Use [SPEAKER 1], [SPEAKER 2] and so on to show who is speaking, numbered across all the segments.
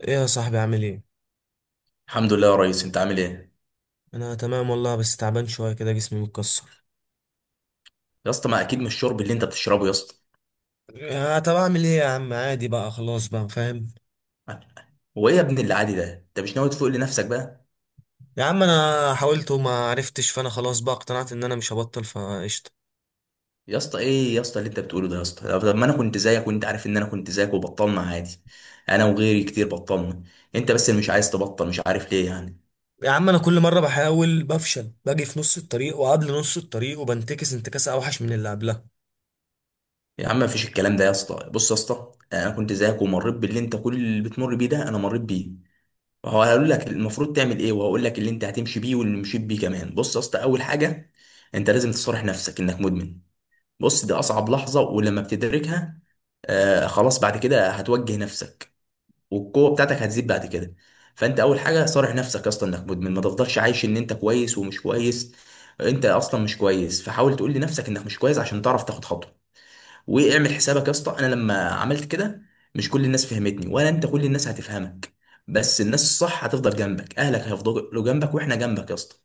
[SPEAKER 1] ايه يا صاحبي، عامل ايه؟
[SPEAKER 2] الحمد لله يا ريس، انت عامل ايه؟
[SPEAKER 1] انا تمام والله، بس تعبان شويه كده، جسمي متكسر.
[SPEAKER 2] يا اسطى، ما اكيد مش شرب اللي انت بتشربه يا اسطى.
[SPEAKER 1] يا طب اعمل ايه يا عم؟ عادي بقى، خلاص بقى فاهم.
[SPEAKER 2] هو ايه يا ابن اللي عادي ده؟ انت مش ناوي تفوق لنفسك بقى؟
[SPEAKER 1] يا عم انا حاولت وما عرفتش، فانا خلاص بقى اقتنعت ان انا مش هبطل فقشطه.
[SPEAKER 2] يا اسطى، ايه يا اسطى اللي انت بتقوله ده يا اسطى؟ طب، ما انا كنت زيك، وانت عارف ان انا كنت زيك وبطلنا عادي. انا وغيري كتير بطلنا. انت بس اللي مش عايز تبطل، مش عارف ليه يعني.
[SPEAKER 1] يا عم انا كل مره بحاول بفشل، باجي في نص الطريق وقبل نص الطريق وبنتكس انتكاسه اوحش من اللي قبلها.
[SPEAKER 2] يا عم، مفيش الكلام ده يا اسطى. بص يا اسطى، انا كنت زيك ومريت باللي انت كل اللي بتمر بيه ده انا مريت بيه. وهو هقول لك المفروض تعمل ايه، وهقول لك اللي انت هتمشي بيه واللي مشيت بيه كمان. بص يا اسطى، اول حاجه انت لازم تصارح نفسك انك مدمن. بص، دي اصعب لحظه، ولما بتدركها آه خلاص، بعد كده هتوجه نفسك، والقوه بتاعتك هتزيد بعد كده. فانت اول حاجه صارح نفسك اصلا انك مدمن. ما تفضلش عايش ان انت كويس ومش كويس. انت اصلا مش كويس، فحاول تقول لنفسك انك مش كويس عشان تعرف تاخد خطوه. واعمل حسابك يا اسطى، انا لما عملت كده مش كل الناس فهمتني، ولا انت كل الناس هتفهمك. بس الناس الصح هتفضل جنبك، اهلك هيفضلوا جنبك واحنا جنبك يا اسطى.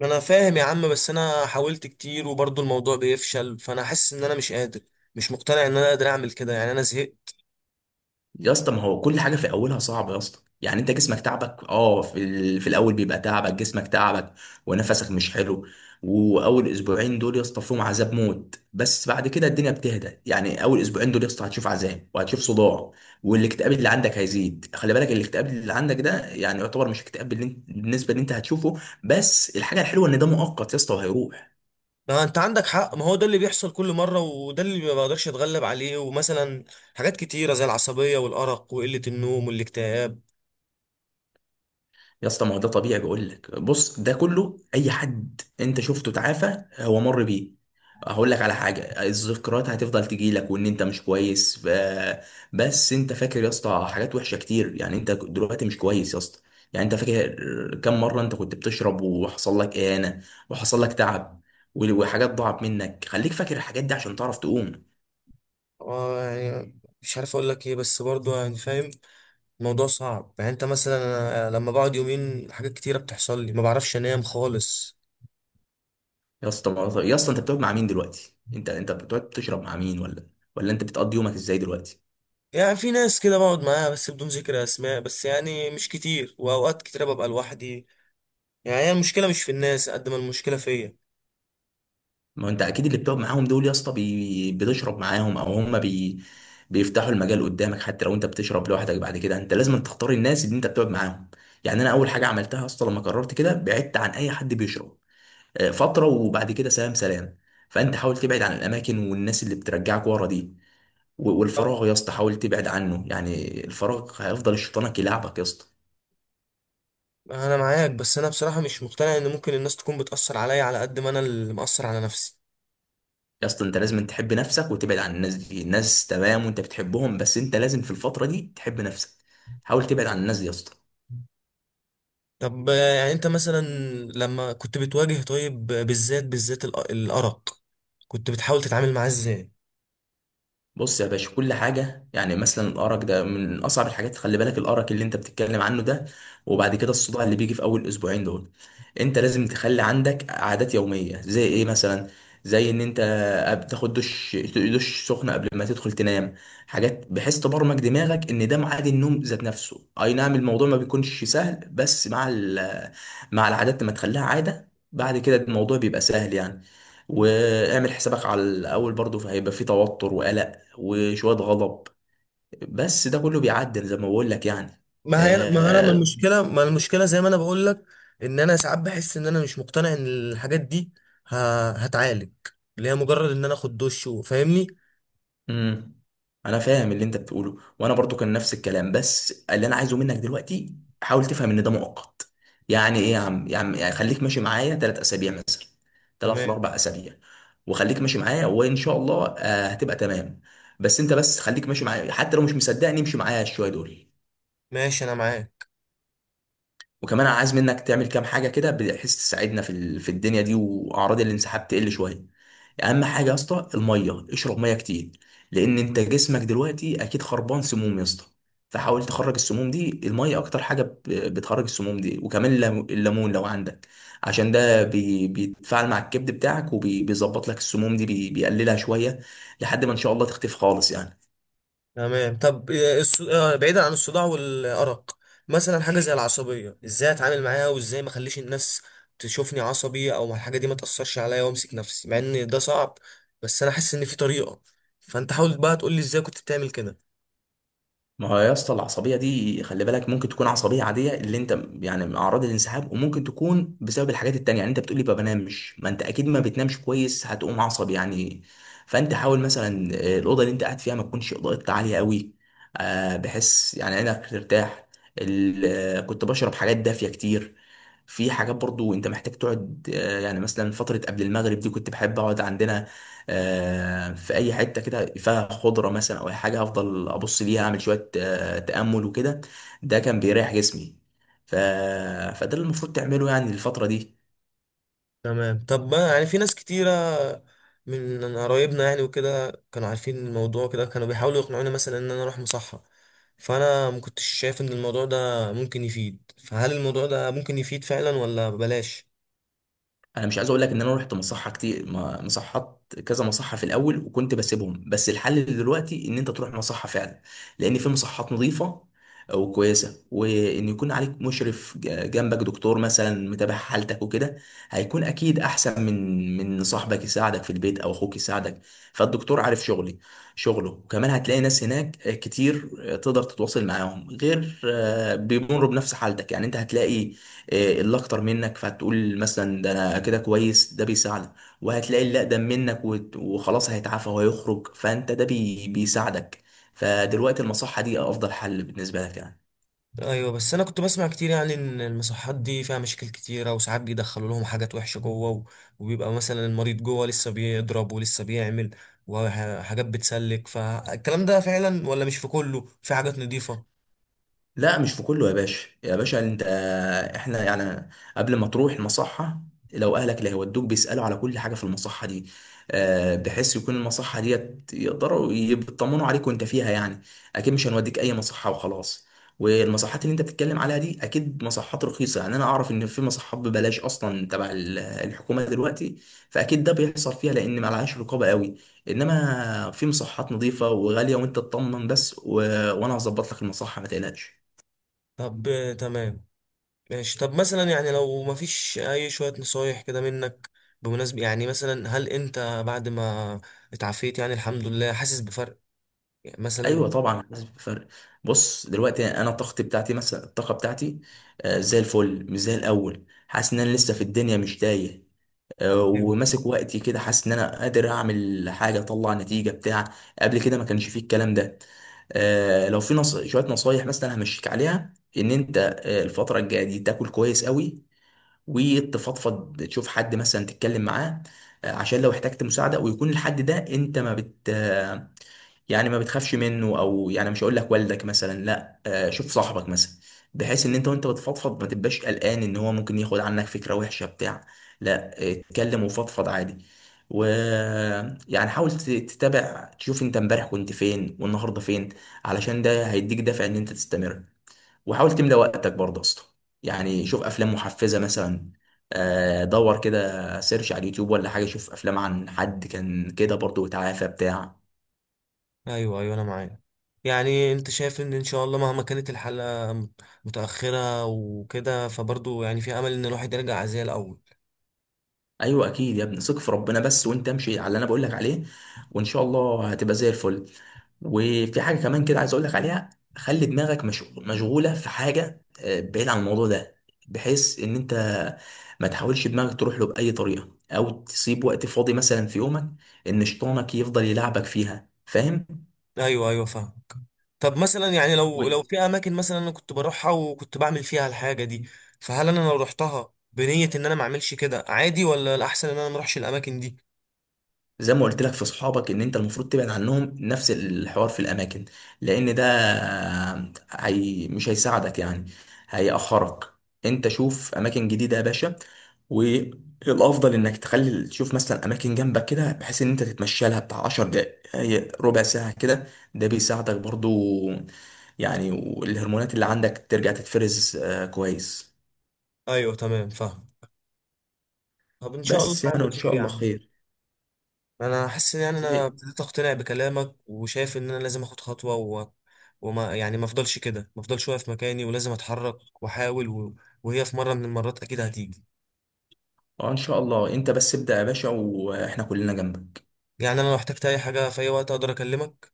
[SPEAKER 1] ما انا فاهم يا عم، بس انا حاولت كتير وبرضه الموضوع بيفشل، فانا حاسس ان انا مش قادر، مش مقتنع ان انا قادر اعمل كده. يعني انا زهقت.
[SPEAKER 2] يا اسطى، ما هو كل حاجه في اولها صعبه يا اسطى، يعني انت جسمك تعبك. في الاول بيبقى تعبك، جسمك تعبك ونفسك مش حلو. واول اسبوعين دول يا اسطى فيهم عذاب موت، بس بعد كده الدنيا بتهدى. يعني اول اسبوعين دول يا اسطى هتشوف عذاب وهتشوف صداع، والاكتئاب اللي عندك هيزيد. خلي بالك، الاكتئاب اللي عندك ده يعني يعتبر مش اكتئاب بالنسبه اللي انت هتشوفه. بس الحاجه الحلوه ان ده مؤقت يا اسطى وهيروح.
[SPEAKER 1] ما انت عندك حق، ما هو ده اللي بيحصل كل مره، وده اللي ما بقدرش اتغلب عليه. ومثلا حاجات كتيره زي العصبيه والارق وقله النوم والاكتئاب.
[SPEAKER 2] يا اسطى، ما هو ده طبيعي، بقول لك بص، ده كله اي حد انت شفته تعافى هو مر بيه. هقول لك على حاجه، الذكريات هتفضل تجي لك وان انت مش كويس بس انت فاكر يا اسطى حاجات وحشه كتير. يعني انت دلوقتي مش كويس يا اسطى. يعني انت فاكر كم مره انت كنت بتشرب وحصل لك اهانه وحصل لك تعب وحاجات ضاعت منك. خليك فاكر الحاجات دي عشان تعرف تقوم.
[SPEAKER 1] آه، يعني مش عارف اقول لك ايه، بس برضه يعني فاهم. الموضوع صعب. يعني انت مثلا، أنا لما بقعد يومين حاجات كتيره بتحصل لي، ما بعرفش انام خالص.
[SPEAKER 2] يا اسطى، يا اسطى انت بتقعد مع مين دلوقتي؟ انت بتقعد بتشرب مع مين؟ ولا انت بتقضي يومك ازاي دلوقتي؟
[SPEAKER 1] يعني في ناس كده بقعد معاها، بس بدون ذكر اسماء، بس يعني مش كتير، واوقات كتيره ببقى لوحدي. يعني هي المشكله مش في الناس قد ما المشكله فيا.
[SPEAKER 2] ما انت اكيد اللي بتقعد معاهم دول يا اسطى بتشرب معاهم، او هم بيفتحوا المجال قدامك. حتى لو انت بتشرب لوحدك، بعد كده انت لازم تختار الناس اللي انت بتقعد معاهم. يعني انا اول حاجه عملتها اصلا لما قررت كده بعدت عن اي حد بيشرب فتره، وبعد كده سلام سلام. فانت حاول تبعد عن الاماكن والناس اللي بترجعك ورا دي،
[SPEAKER 1] آه،
[SPEAKER 2] والفراغ يا اسطى حاول تبعد عنه. يعني الفراغ هيفضل الشيطانك يلعبك يا اسطى.
[SPEAKER 1] انا معاك، بس انا بصراحه مش مقتنع ان ممكن الناس تكون بتاثر عليا على قد ما انا اللي مأثر على نفسي.
[SPEAKER 2] يا اسطى، انت لازم تحب نفسك وتبعد عن الناس دي. الناس تمام وانت بتحبهم، بس انت لازم في الفترة دي تحب نفسك. حاول تبعد عن الناس دي يا اسطى.
[SPEAKER 1] طب آه، يعني انت مثلا لما كنت بتواجه، طيب آه، بالذات بالذات الارق، كنت بتحاول تتعامل معاه ازاي؟
[SPEAKER 2] بص يا باشا، كل حاجة، يعني مثلا الأرق ده من أصعب الحاجات. خلي بالك الأرق اللي أنت بتتكلم عنه ده، وبعد كده الصداع اللي بيجي في أول أسبوعين دول، أنت لازم تخلي عندك عادات يومية. زي إيه مثلا؟ زي إن أنت بتاخد دش، دش سخن قبل ما تدخل تنام. حاجات بحيث تبرمج دماغك إن ده ميعاد النوم ذات نفسه. أي نعم، الموضوع ما بيكونش سهل، بس مع مع العادات لما تخليها عادة بعد كده الموضوع بيبقى سهل يعني. واعمل حسابك على الاول برضو، فهيبقى في توتر وقلق وشوية غضب، بس ده كله بيعدل زي ما بقول لك يعني.
[SPEAKER 1] ما هي ما انا ما
[SPEAKER 2] آه...
[SPEAKER 1] المشكله زي ما انا بقول لك، ان انا ساعات بحس ان انا مش مقتنع ان الحاجات دي ه... هتعالج، اللي هي مجرد ان انا اخد دش وفاهمني.
[SPEAKER 2] مم. انا فاهم اللي انت بتقوله، وانا برضو كان نفس الكلام، بس اللي انا عايزه منك دلوقتي حاول تفهم ان ده مؤقت. يعني ايه يا عم؟ يا عم، يعني خليك ماشي معايا 3 اسابيع مثلا، ثلاث
[SPEAKER 1] تمام
[SPEAKER 2] لاربع اسابيع وخليك ماشي معايا وان شاء الله آه هتبقى تمام. بس انت بس خليك ماشي معايا، حتى لو مش مصدقني امشي معايا شويه دول.
[SPEAKER 1] ماشي، انا معاك.
[SPEAKER 2] وكمان انا عايز منك تعمل كام حاجه كده بحيث تساعدنا في في الدنيا دي، واعراض الانسحاب تقل شويه. اهم حاجه يا اسطى الميه، اشرب ميه كتير، لان انت جسمك دلوقتي اكيد خربان، سموم يا اسطى. فحاول تخرج السموم دي. الميه اكتر حاجه بتخرج السموم دي، وكمان الليمون لو عندك، عشان ده بيتفاعل مع الكبد بتاعك، وبيظبط لك السموم دي، بيقللها شويه، لحد ما ان شاء الله تختفي خالص يعني.
[SPEAKER 1] تمام طب آه، بعيدا عن الصداع والأرق، مثلا حاجة زي العصبية، ازاي اتعامل معاها؟ وازاي ما اخليش الناس تشوفني عصبي، او الحاجة دي ما تأثرش عليا وامسك نفسي، مع ان ده صعب؟ بس انا حاسس ان في طريقة، فانت حاول بقى تقول لي ازاي كنت بتعمل كده.
[SPEAKER 2] ما هو يا اسطى العصبيه دي، خلي بالك ممكن تكون عصبيه عاديه اللي انت يعني اعراض الانسحاب، وممكن تكون بسبب الحاجات التانية. يعني انت بتقولي ما بنامش، ما انت اكيد ما بتنامش كويس، هتقوم عصبي يعني. فانت حاول مثلا، الاوضه اللي انت قاعد فيها ما تكونش اضاءتها عاليه قوي، بحيث يعني عينك ترتاح. كنت بشرب حاجات دافيه كتير. في حاجات برضو انت محتاج تقعد، يعني مثلا فتره قبل المغرب دي كنت بحب اقعد عندنا في اي حته كده فيها خضره مثلا، او اي حاجه هفضل ابص ليها، اعمل شويه تامل وكده. ده كان بيريح جسمي. ف... فده اللي المفروض تعمله يعني الفتره دي.
[SPEAKER 1] تمام طب بقى، يعني في ناس كتيرة من قرايبنا يعني وكده كانوا عارفين الموضوع، كده كانوا بيحاولوا يقنعوني مثلا ان انا اروح مصحة، فانا ما كنتش شايف ان الموضوع ده ممكن يفيد. فهل الموضوع ده ممكن يفيد فعلا، ولا بلاش؟
[SPEAKER 2] انا مش عايز اقول لك ان انا رحت مصحه كتير، مصحات كذا مصحه في الاول وكنت بسيبهم، بس الحل دلوقتي ان انت تروح مصحه فعلا. لان في مصحات نظيفه وكويسه، وان يكون عليك مشرف جنبك، دكتور مثلا متابع حالتك وكده. هيكون اكيد احسن من صاحبك يساعدك في البيت او اخوك يساعدك. فالدكتور عارف شغلي شغله، وكمان هتلاقي ناس هناك كتير تقدر تتواصل معاهم، غير بيمروا بنفس حالتك. يعني انت هتلاقي اللي اكتر منك، فهتقول مثلا ده انا كده كويس، ده بيساعدك. وهتلاقي اللي اقدم منك وخلاص هيتعافى وهيخرج، فانت ده بيساعدك. فدلوقتي المصحة دي افضل حل بالنسبة لك يعني.
[SPEAKER 1] ايوه، بس انا كنت بسمع كتير يعني ان المصحات دي فيها مشاكل كتيره، وساعات بيدخلوا لهم حاجات وحشه وبيبقى مثلا المريض جوه لسه بيضرب ولسه بيعمل وحاجات بتسلك. فالكلام ده فعلا، ولا مش في كله في حاجات نظيفه؟
[SPEAKER 2] لا، مش في كله يا باشا. يا باشا انت، احنا يعني قبل ما تروح المصحة، لو اهلك اللي هيودوك بيسألوا على كل حاجة في المصحة دي، بحيث يكون المصحة ديت يقدروا يطمنوا عليك وانت فيها يعني. اكيد مش هنوديك اي مصحة وخلاص. والمصحات اللي انت بتتكلم عليها دي اكيد مصحات رخيصة. يعني انا اعرف ان في مصحات ببلاش اصلا تبع الحكومة دلوقتي، فاكيد ده بيحصل فيها لان معلهاش رقابة قوي. انما في مصحات نظيفة وغالية وانت تطمن بس، وانا هظبط لك المصحة ما تقلقش.
[SPEAKER 1] طب آه، تمام ماشي. طب مثلا يعني لو ما فيش، اي شويه نصايح كده منك بمناسبه؟ يعني مثلا هل انت بعد ما اتعافيت يعني الحمد لله، حاسس بفرق؟ يعني
[SPEAKER 2] ايوه
[SPEAKER 1] مثلا.
[SPEAKER 2] طبعا حاسس بفرق. بص دلوقتي انا الطاقه بتاعتي، مثلا الطاقه بتاعتي زي الفل، مش زي الاول. حاسس ان انا لسه في الدنيا مش تايه، وماسك وقتي كده. حاسس ان انا قادر اعمل حاجه اطلع نتيجه بتاع، قبل كده ما كانش فيه الكلام ده. لو في شويه نصايح مثلا همشيك عليها، ان انت الفتره الجايه دي تاكل كويس قوي، وتفضفض، تشوف حد مثلا تتكلم معاه، عشان لو احتجت مساعده. ويكون الحد ده انت ما بت يعني ما بتخافش منه، او يعني مش هقول لك والدك مثلا، لا، شوف صاحبك مثلا، بحيث ان انت وانت بتفضفض ما تبقاش قلقان ان هو ممكن ياخد عنك فكره وحشه بتاع. لا، اتكلم وفضفض عادي. و يعني حاول تتابع، تشوف انت امبارح كنت فين والنهارده فين، علشان ده هيديك دافع ان انت تستمر. وحاول تملى وقتك برضه يا اسطى. يعني شوف افلام محفزه مثلا، دور كده، سيرش على اليوتيوب ولا حاجه، شوف افلام عن حد كان كده برضه وتعافى بتاع.
[SPEAKER 1] ايوه ايوه، انا معاك. يعني انت شايف ان ان شاء الله مهما كانت الحلقة متأخرة وكده، فبرضه يعني في امل ان الواحد يرجع زي الاول؟
[SPEAKER 2] ايوه اكيد يا ابني، ثق في ربنا بس، وانت امشي على اللي انا بقول لك عليه وان شاء الله هتبقى زي الفل. وفي حاجه كمان كده عايز اقول لك عليها، خلي دماغك مشغوله في حاجه بعيد عن الموضوع ده، بحيث ان انت ما تحاولش دماغك تروح له باي طريقه، او تسيب وقت فاضي مثلا في يومك ان شيطانك يفضل يلعبك فيها، فاهم؟
[SPEAKER 1] ايوه ايوه، فاهم. طب مثلا يعني لو في اماكن مثلا انا كنت بروحها وكنت بعمل فيها الحاجة دي، فهل انا لو رحتها بنية ان انا ما اعملش كده عادي، ولا الاحسن ان انا ما اروحش الاماكن دي؟
[SPEAKER 2] زي ما قلت لك في صحابك ان انت المفروض تبعد عنهم، نفس الحوار في الاماكن، لان ده هي مش هيساعدك يعني، هيأخرك. انت شوف اماكن جديدة يا باشا. والافضل انك تخلي تشوف مثلا اماكن جنبك كده بحيث ان انت تتمشى لها بتاع 10 دقايق ربع ساعة كده، ده بيساعدك برضو يعني. والهرمونات اللي عندك ترجع تتفرز كويس.
[SPEAKER 1] ايوه تمام، فاهم. طب ان شاء الله
[SPEAKER 2] بس
[SPEAKER 1] يا
[SPEAKER 2] يعني
[SPEAKER 1] عم
[SPEAKER 2] وان
[SPEAKER 1] خير
[SPEAKER 2] شاء
[SPEAKER 1] يا
[SPEAKER 2] الله
[SPEAKER 1] عم.
[SPEAKER 2] خير.
[SPEAKER 1] انا حاسس ان يعني
[SPEAKER 2] زي
[SPEAKER 1] انا ابتديت اقتنع بكلامك، وشايف ان انا لازم اخد خطوه. وما يعني ما افضلش كده، ما افضلش واقف مكاني ولازم اتحرك واحاول. وهي في مره من المرات اكيد هتيجي.
[SPEAKER 2] اه ان شاء الله، انت بس ابدأ يا باشا، واحنا كلنا جنبك.
[SPEAKER 1] يعني انا لو احتجت اي حاجه في اي وقت، اقدر اكلمك؟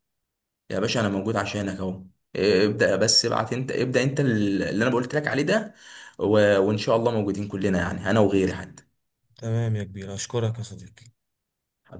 [SPEAKER 2] يا باشا انا موجود عشانك اهو. ابدا، بس ابعت انت، ابدا انت اللي انا قلت لك عليه ده، و... وان شاء الله موجودين كلنا، يعني انا وغيري حتى.
[SPEAKER 1] تمام يا كبير، اشكرك يا صديقي.